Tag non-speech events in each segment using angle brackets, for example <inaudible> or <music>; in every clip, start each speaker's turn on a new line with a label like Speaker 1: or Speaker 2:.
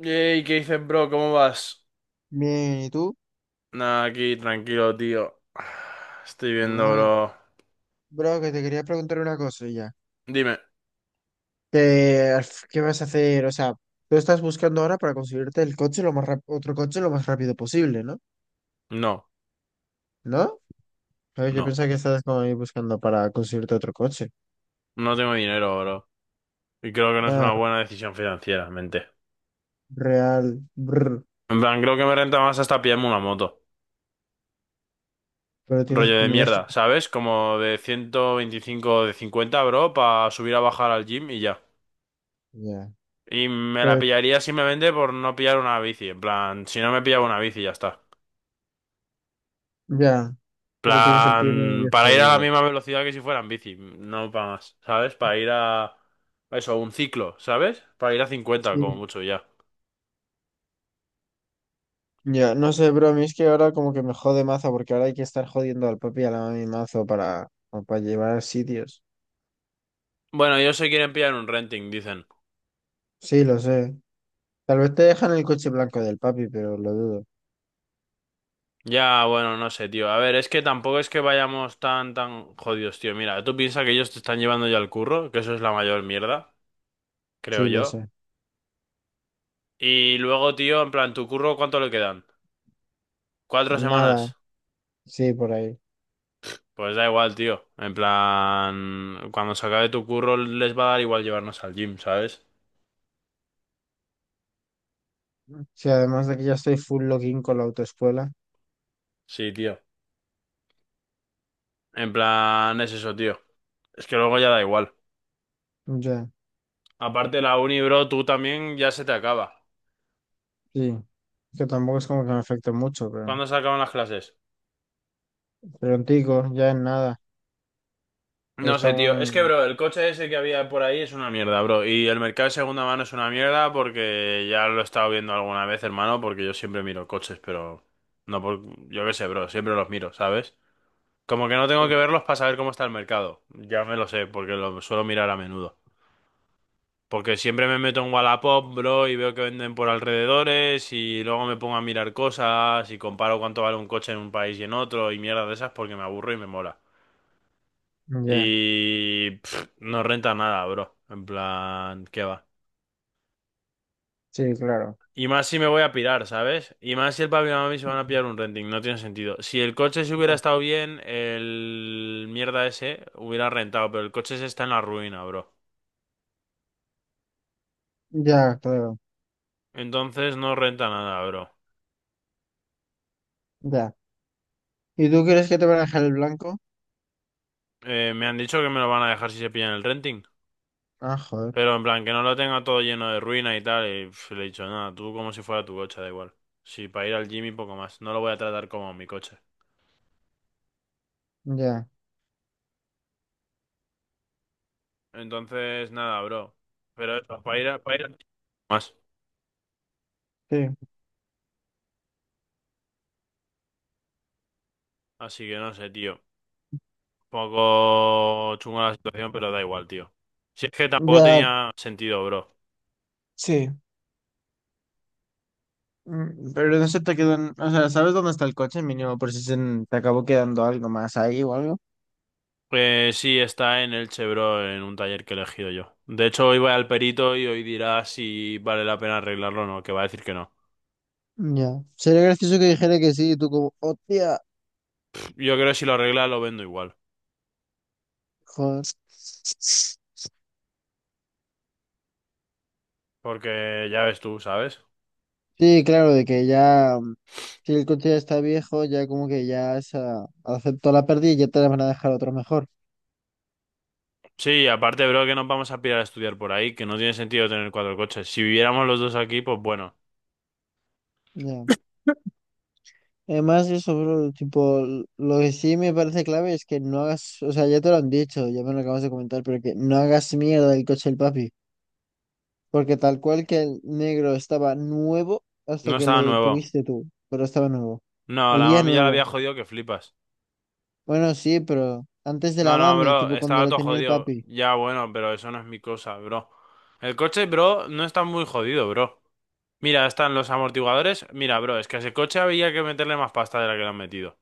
Speaker 1: Yey, ¿qué dices, bro? ¿Cómo vas?
Speaker 2: Bien, ¿y tú?
Speaker 1: Nada, aquí, tranquilo, tío. Estoy viendo,
Speaker 2: Ah,
Speaker 1: bro.
Speaker 2: bro, que te quería preguntar una cosa ya.
Speaker 1: Dime.
Speaker 2: ¿Qué, qué vas a hacer? O sea, tú estás buscando ahora para conseguirte el coche otro coche lo más rápido posible, ¿no?
Speaker 1: No,
Speaker 2: ¿No? Ay, yo
Speaker 1: no.
Speaker 2: pensaba que estabas como ahí buscando para conseguirte otro coche.
Speaker 1: No tengo dinero, bro. Y creo que no es una
Speaker 2: Ah,
Speaker 1: buena decisión financieramente.
Speaker 2: real, brr,
Speaker 1: En plan, creo que me renta más hasta pillarme una moto.
Speaker 2: pero
Speaker 1: Rollo de
Speaker 2: tendrías que...
Speaker 1: mierda, ¿sabes? Como de 125 o de 50, bro, para subir a bajar al gym y ya.
Speaker 2: Ya,
Speaker 1: Y me la
Speaker 2: pero-
Speaker 1: pillaría simplemente por no pillar una bici. En plan, si no me pillaba una bici, ya está.
Speaker 2: ya, pero tienes el pie
Speaker 1: Plan,
Speaker 2: medio
Speaker 1: para ir a la
Speaker 2: jodido.
Speaker 1: misma velocidad que si fuera en bici, no para más, ¿sabes? Para ir a eso, un ciclo, ¿sabes? Para ir a 50 como
Speaker 2: Sí.
Speaker 1: mucho ya.
Speaker 2: Ya, no sé, bro, a mí es que ahora como que me jode mazo porque ahora hay que estar jodiendo al papi y a la mami mazo para llevar a sitios.
Speaker 1: Bueno, ellos se quieren pillar un renting, dicen.
Speaker 2: Sí, lo sé. Tal vez te dejan el coche blanco del papi, pero lo dudo.
Speaker 1: Ya, bueno, no sé, tío. A ver, es que tampoco es que vayamos tan, tan jodidos, tío. Mira, tú piensas que ellos te están llevando ya al curro, que eso es la mayor mierda, creo
Speaker 2: Sí, lo
Speaker 1: yo.
Speaker 2: sé.
Speaker 1: Y luego, tío, en plan, ¿tu curro cuánto le quedan? ¿Cuatro
Speaker 2: Nada,
Speaker 1: semanas?
Speaker 2: sí, por ahí.
Speaker 1: Pues da igual, tío. En plan, cuando se acabe tu curro les va a dar igual llevarnos al gym, ¿sabes?
Speaker 2: Sí, además de que ya estoy full login con la autoescuela.
Speaker 1: Sí, tío. En plan, es eso, tío. Es que luego ya da igual.
Speaker 2: Ya,
Speaker 1: Aparte, la uni, bro, tú también ya se te acaba.
Speaker 2: sí. Que tampoco es como que me afecte mucho, pero.
Speaker 1: ¿Cuándo se acaban las clases?
Speaker 2: pero Prontico, ya en nada. Ya
Speaker 1: No sé, tío. Es que,
Speaker 2: estamos.
Speaker 1: bro, el coche ese que había por ahí es una mierda, bro. Y el mercado de segunda mano es una mierda porque ya lo he estado viendo alguna vez, hermano, porque yo siempre miro coches, pero no por... Yo qué sé, bro, siempre los miro, ¿sabes? Como que no tengo que
Speaker 2: Sí.
Speaker 1: verlos para saber cómo está el mercado. Ya me lo sé, porque lo suelo mirar a menudo. Porque siempre me meto en Wallapop, bro, y veo que venden por alrededores y luego me pongo a mirar cosas y comparo cuánto vale un coche en un país y en otro y mierda de esas porque me aburro y me mola.
Speaker 2: Ya,
Speaker 1: Y no renta nada, bro. En plan, ¿qué va?
Speaker 2: sí, claro.
Speaker 1: Y más si me voy a pirar, ¿sabes? Y más si el papi y la mami se van a pillar un renting, no tiene sentido. Si el coche se hubiera
Speaker 2: Ya,
Speaker 1: estado bien, el mierda ese hubiera rentado, pero el coche se está en la ruina, bro.
Speaker 2: ya, claro.
Speaker 1: Entonces no renta nada, bro.
Speaker 2: Ya. ¿Y tú crees que te van a dejar el blanco?
Speaker 1: Me han dicho que me lo van a dejar si se pillan el renting.
Speaker 2: Ah, joder.
Speaker 1: Pero en plan, que no lo tenga todo lleno de ruinas y tal. Y le he dicho, nada, tú como si fuera tu coche, da igual. Si para ir al gym y poco más. No lo voy a tratar como mi coche.
Speaker 2: Ya,
Speaker 1: Entonces, nada, bro. Pero eso, para ir, para ir al gym, más.
Speaker 2: sí.
Speaker 1: Así que no sé, tío. Poco chunga la situación, pero da igual, tío. Si es que tampoco
Speaker 2: Ya,
Speaker 1: tenía sentido, bro.
Speaker 2: sí. Pero no se te quedan, o sea, ¿sabes dónde está el coche mínimo por si te acabó quedando algo más ahí o algo?
Speaker 1: Pues sí, está en Elche, bro, en un taller que he elegido yo. De hecho, hoy voy al perito y hoy dirá si vale la pena arreglarlo o no, que va a decir que no.
Speaker 2: Ya. Sería gracioso que dijera que sí, y tú como, hostia,
Speaker 1: Yo creo que si lo arregla, lo vendo igual.
Speaker 2: joder.
Speaker 1: Porque ya ves tú, ¿sabes?
Speaker 2: Sí, claro, de que ya, si el coche ya está viejo, ya como que ya esa, aceptó la pérdida y ya te la van a dejar otro mejor.
Speaker 1: Sí, aparte, bro, que nos vamos a pirar a estudiar por ahí, que no tiene sentido tener cuatro coches. Si viviéramos los dos aquí, pues bueno.
Speaker 2: Ya. Además, eso, bro, tipo, lo que sí me parece clave es que no hagas, o sea, ya te lo han dicho, ya me lo acabas de comentar, pero que no hagas mierda del coche del papi. Porque tal cual que el negro estaba nuevo hasta
Speaker 1: No
Speaker 2: que
Speaker 1: estaba
Speaker 2: lo
Speaker 1: nuevo.
Speaker 2: tuviste tú, pero estaba nuevo.
Speaker 1: No, la
Speaker 2: Olía
Speaker 1: mami ya la
Speaker 2: nuevo.
Speaker 1: había jodido que flipas.
Speaker 2: Bueno, sí, pero antes de
Speaker 1: No,
Speaker 2: la
Speaker 1: no,
Speaker 2: mami,
Speaker 1: bro,
Speaker 2: tipo cuando
Speaker 1: estaba
Speaker 2: lo
Speaker 1: todo
Speaker 2: tenía el
Speaker 1: jodido.
Speaker 2: papi.
Speaker 1: Ya, bueno, pero eso no es mi cosa, bro. El coche, bro, no está muy jodido, bro. Mira, están los amortiguadores. Mira, bro, es que a ese coche había que meterle más pasta de la que le han metido.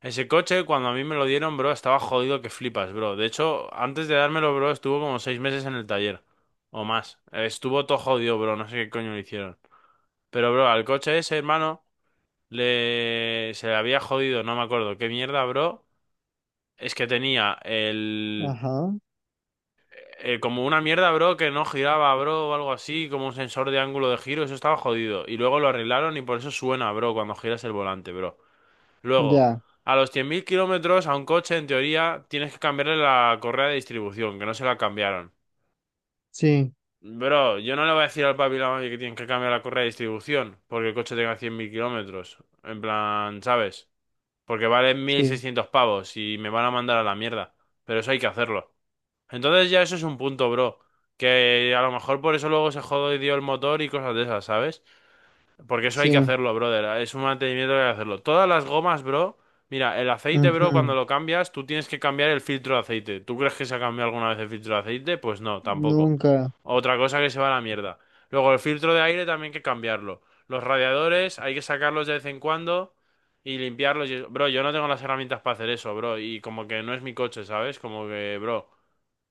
Speaker 1: Ese coche, cuando a mí me lo dieron, bro, estaba jodido que flipas, bro. De hecho, antes de dármelo, bro, estuvo como 6 meses en el taller. O más. Estuvo todo jodido, bro. No sé qué coño le hicieron. Pero, bro, al coche ese, hermano, le... se le había jodido, no me acuerdo. ¿Qué mierda, bro? Es que tenía el...
Speaker 2: Ajá,
Speaker 1: como una mierda, bro, que no giraba, bro, o algo así, como un sensor de ángulo de giro. Eso estaba jodido. Y luego lo arreglaron y por eso suena, bro, cuando giras el volante, bro. Luego,
Speaker 2: ya.
Speaker 1: a los 100.000 kilómetros a un coche, en teoría, tienes que cambiarle la correa de distribución, que no se la cambiaron.
Speaker 2: Sí,
Speaker 1: Bro, yo no le voy a decir al papi y la mami que tienen que cambiar la correa de distribución porque el coche tenga 100.000 kilómetros. En plan, ¿sabes? Porque vale mil
Speaker 2: sí,
Speaker 1: seiscientos pavos y me van a mandar a la mierda. Pero eso hay que hacerlo. Entonces ya eso es un punto, bro. Que a lo mejor por eso luego se jodió el motor y cosas de esas, ¿sabes? Porque eso hay que
Speaker 2: sí.
Speaker 1: hacerlo, brother. Es un mantenimiento que hay que hacerlo. Todas las gomas, bro. Mira, el aceite, bro, cuando
Speaker 2: Ujú.
Speaker 1: lo cambias, tú tienes que cambiar el filtro de aceite. ¿Tú crees que se ha cambiado alguna vez el filtro de aceite? Pues no, tampoco.
Speaker 2: Nunca.
Speaker 1: Otra cosa que se va a la mierda. Luego, el filtro de aire también hay que cambiarlo. Los radiadores hay que sacarlos de vez en cuando y limpiarlos. Bro, yo no tengo las herramientas para hacer eso, bro. Y como que no es mi coche, ¿sabes? Como que, bro,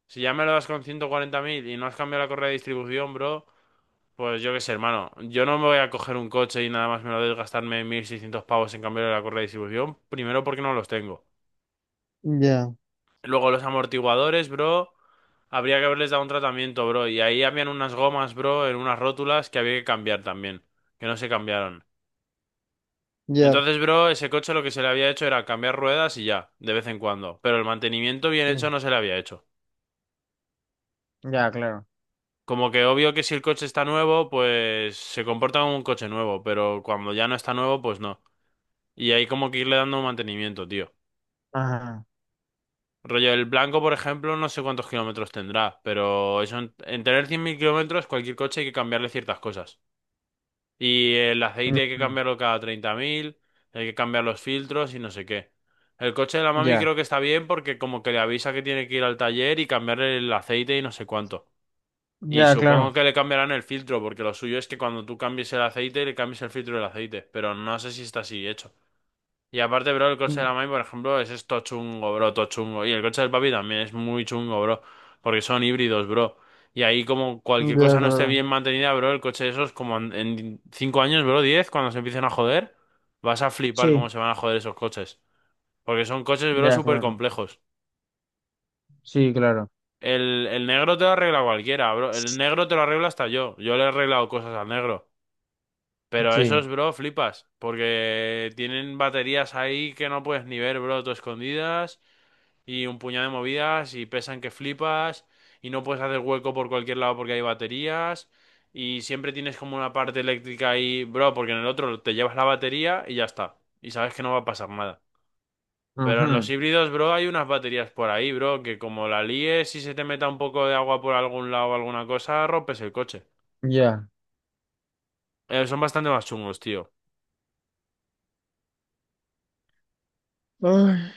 Speaker 1: si ya me lo das con 140.000 y no has cambiado la correa de distribución, bro. Pues yo qué sé, hermano. Yo no me voy a coger un coche y nada más me lo de gastarme 1.600 pavos en cambiar la correa de distribución. Primero porque no los tengo.
Speaker 2: Ya,
Speaker 1: Luego los amortiguadores, bro. Habría que haberles dado un tratamiento, bro. Y ahí habían unas gomas, bro, en unas rótulas que había que cambiar también. Que no se cambiaron.
Speaker 2: ya.
Speaker 1: Entonces, bro, ese coche lo que se le había hecho era cambiar ruedas y ya, de vez en cuando. Pero el mantenimiento bien hecho
Speaker 2: Sí,
Speaker 1: no se le había hecho.
Speaker 2: ya, claro.
Speaker 1: Como que obvio que si el coche está nuevo, pues se comporta como un coche nuevo. Pero cuando ya no está nuevo, pues no. Y hay como que irle dando mantenimiento, tío.
Speaker 2: Ajá.
Speaker 1: Rollo, el blanco, por ejemplo, no sé cuántos kilómetros tendrá, pero eso en tener 100.000 kilómetros, cualquier coche hay que cambiarle ciertas cosas. Y el aceite hay que
Speaker 2: Ujú.
Speaker 1: cambiarlo cada 30.000, hay que cambiar los filtros y no sé qué. El coche de la mami
Speaker 2: Ya,
Speaker 1: creo que está bien porque como que le avisa que tiene que ir al taller y cambiarle el aceite y no sé cuánto. Y
Speaker 2: ya,
Speaker 1: supongo
Speaker 2: claro.
Speaker 1: que le cambiarán el filtro, porque lo suyo es que cuando tú cambies el aceite, le cambies el filtro del aceite, pero no sé si está así hecho. Y aparte, bro, el coche de
Speaker 2: Mm,
Speaker 1: la Mai, por ejemplo, es esto chungo, bro, todo chungo. Y el coche del papi también es muy chungo, bro. Porque son híbridos, bro. Y ahí como
Speaker 2: ya,
Speaker 1: cualquier cosa no esté
Speaker 2: claro.
Speaker 1: bien mantenida, bro, el coche de esos como en 5 años, bro, 10 cuando se empiecen a joder, vas a flipar cómo
Speaker 2: Sí,
Speaker 1: se van a joder esos coches. Porque son coches, bro,
Speaker 2: ya,
Speaker 1: súper
Speaker 2: claro.
Speaker 1: complejos.
Speaker 2: Sí, claro.
Speaker 1: El negro te lo arregla cualquiera, bro. El negro te lo arregla hasta yo. Yo le he arreglado cosas al negro. Pero
Speaker 2: Sí.
Speaker 1: esos, bro, flipas. Porque tienen baterías ahí que no puedes ni ver, bro, todo escondidas. Y un puñado de movidas y pesan que flipas y no puedes hacer hueco por cualquier lado porque hay baterías y siempre tienes como una parte eléctrica ahí, bro, porque en el otro te llevas la batería y ya está y sabes que no va a pasar nada. Pero en los
Speaker 2: Ujú.
Speaker 1: híbridos, bro, hay unas baterías por ahí, bro, que como la líes y se te meta un poco de agua por algún lado o alguna cosa, rompes el coche.
Speaker 2: Ya.
Speaker 1: Son bastante más chungos, tío.
Speaker 2: Ay,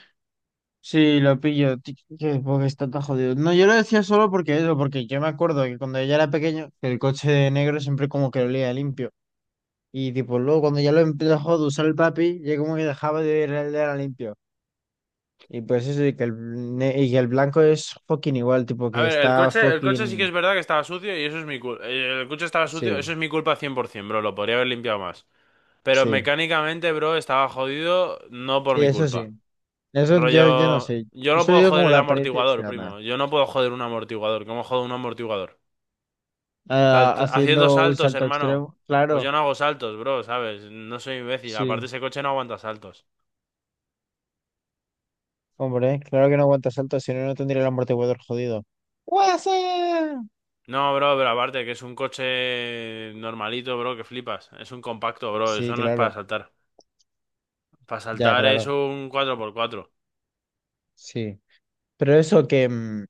Speaker 2: sí, lo pillo, porque está tan jodido. No, yo lo decía solo porque eso, porque yo me acuerdo que cuando yo era pequeño, que el coche de negro siempre como que olía limpio. Y tipo, luego cuando ya lo empezó de usar el papi, ya como que dejaba de oler el de era limpio. Y pues eso, y que y que el blanco es fucking igual, tipo
Speaker 1: A
Speaker 2: que
Speaker 1: ver, el
Speaker 2: está
Speaker 1: coche, el coche sí que
Speaker 2: fucking...
Speaker 1: es verdad que estaba sucio y eso es mi culpa. El coche estaba sucio,
Speaker 2: Sí,
Speaker 1: eso es mi culpa 100%, bro. Lo podría haber limpiado más. Pero
Speaker 2: sí,
Speaker 1: mecánicamente, bro, estaba jodido no por mi
Speaker 2: sí.
Speaker 1: culpa.
Speaker 2: Eso ya, ya no
Speaker 1: Rollo,
Speaker 2: sé.
Speaker 1: yo
Speaker 2: Yo
Speaker 1: no
Speaker 2: solo
Speaker 1: puedo
Speaker 2: digo
Speaker 1: joder
Speaker 2: como
Speaker 1: el
Speaker 2: la apariencia
Speaker 1: amortiguador,
Speaker 2: externa.
Speaker 1: primo. Yo no puedo joder un amortiguador. ¿Cómo jodo un amortiguador?
Speaker 2: Ah,
Speaker 1: Haciendo
Speaker 2: haciendo un
Speaker 1: saltos,
Speaker 2: salto
Speaker 1: hermano.
Speaker 2: extremo,
Speaker 1: Pues yo
Speaker 2: claro,
Speaker 1: no hago saltos, bro, ¿sabes? No soy imbécil. Aparte,
Speaker 2: sí.
Speaker 1: ese coche no aguanta saltos.
Speaker 2: Hombre, claro que no aguanta salto, si no, no tendría el amortiguador jodido. ¡Guasa!
Speaker 1: No, bro, pero aparte que es un coche normalito, bro, que flipas. Es un compacto, bro.
Speaker 2: Sí,
Speaker 1: Eso no es para
Speaker 2: claro,
Speaker 1: saltar. Para
Speaker 2: ya,
Speaker 1: saltar es
Speaker 2: claro,
Speaker 1: un 4x4.
Speaker 2: sí. Pero eso que,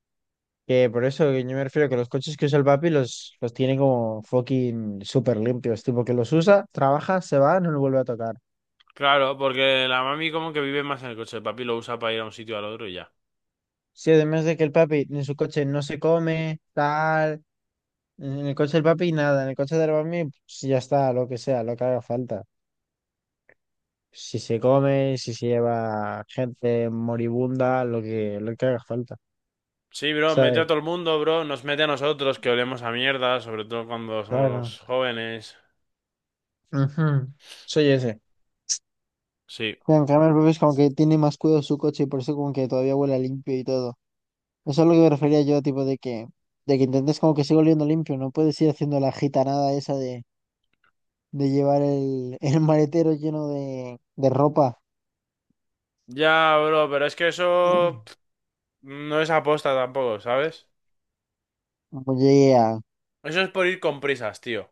Speaker 2: que por eso que yo me refiero que los coches que usa el papi los tiene como fucking súper limpios, tipo que los usa, trabaja, se va, no lo vuelve a tocar.
Speaker 1: Claro, porque la mami como que vive más en el coche. El papi lo usa para ir a un sitio al otro y ya.
Speaker 2: Sí, además de que el papi en su coche no se come, tal, en el coche del papi nada, en el coche del mami, pues ya está, lo que sea, lo que haga falta. Si se come, si se lleva gente moribunda, lo que haga falta,
Speaker 1: Sí, bro, mete a
Speaker 2: ¿sabes?
Speaker 1: todo el mundo, bro. Nos mete a nosotros que olemos a mierda, sobre todo cuando somos
Speaker 2: Claro.
Speaker 1: jóvenes.
Speaker 2: Ujú. Soy ese.
Speaker 1: Sí.
Speaker 2: Mira, en cambio, el Pepe es como que tiene más cuidado su coche y por eso como que todavía huele a limpio y todo. Eso es lo que me refería yo, tipo de que intentes como que siga oliendo limpio, no puedes ir haciendo la gitanada esa de, llevar el, <laughs> el maletero lleno de ropa.
Speaker 1: Ya, bro, pero es que eso no es aposta tampoco, ¿sabes?
Speaker 2: Oye, ya,
Speaker 1: Eso es por ir con prisas, tío.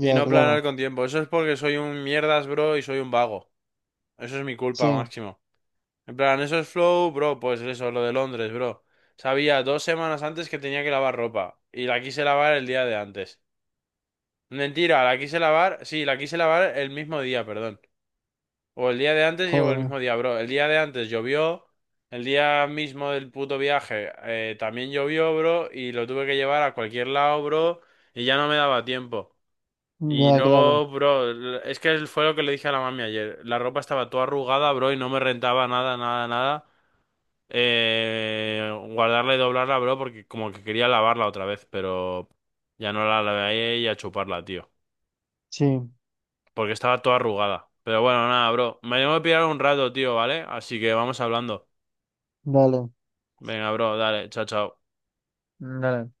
Speaker 1: Y no
Speaker 2: claro.
Speaker 1: planear con tiempo. Eso es porque soy un mierdas, bro, y soy un vago. Eso es mi culpa,
Speaker 2: Sí,
Speaker 1: máximo. En plan, eso es flow, bro, pues eso, lo de Londres, bro. Sabía 2 semanas antes que tenía que lavar ropa. Y la quise lavar el día de antes. Mentira, la quise lavar, sí, la quise lavar el mismo día, perdón. O el día de antes llegó el
Speaker 2: joder,
Speaker 1: mismo día, bro. El día de antes llovió. El día mismo del puto viaje también llovió, bro. Y lo tuve que llevar a cualquier lado, bro. Y ya no me daba tiempo. Y
Speaker 2: ya, claro.
Speaker 1: luego, bro, es que fue lo que le dije a la mami ayer. La ropa estaba toda arrugada, bro, y no me rentaba nada, nada, nada. Guardarla y doblarla, bro, porque como que quería lavarla otra vez, pero ya no la lavé y a chuparla, tío,
Speaker 2: Sí,
Speaker 1: porque estaba toda arrugada. Pero bueno, nada, bro. Me tengo que pillar un rato, tío, ¿vale? Así que vamos hablando.
Speaker 2: dale.
Speaker 1: Venga, bro, dale, chao, chao.
Speaker 2: Dale.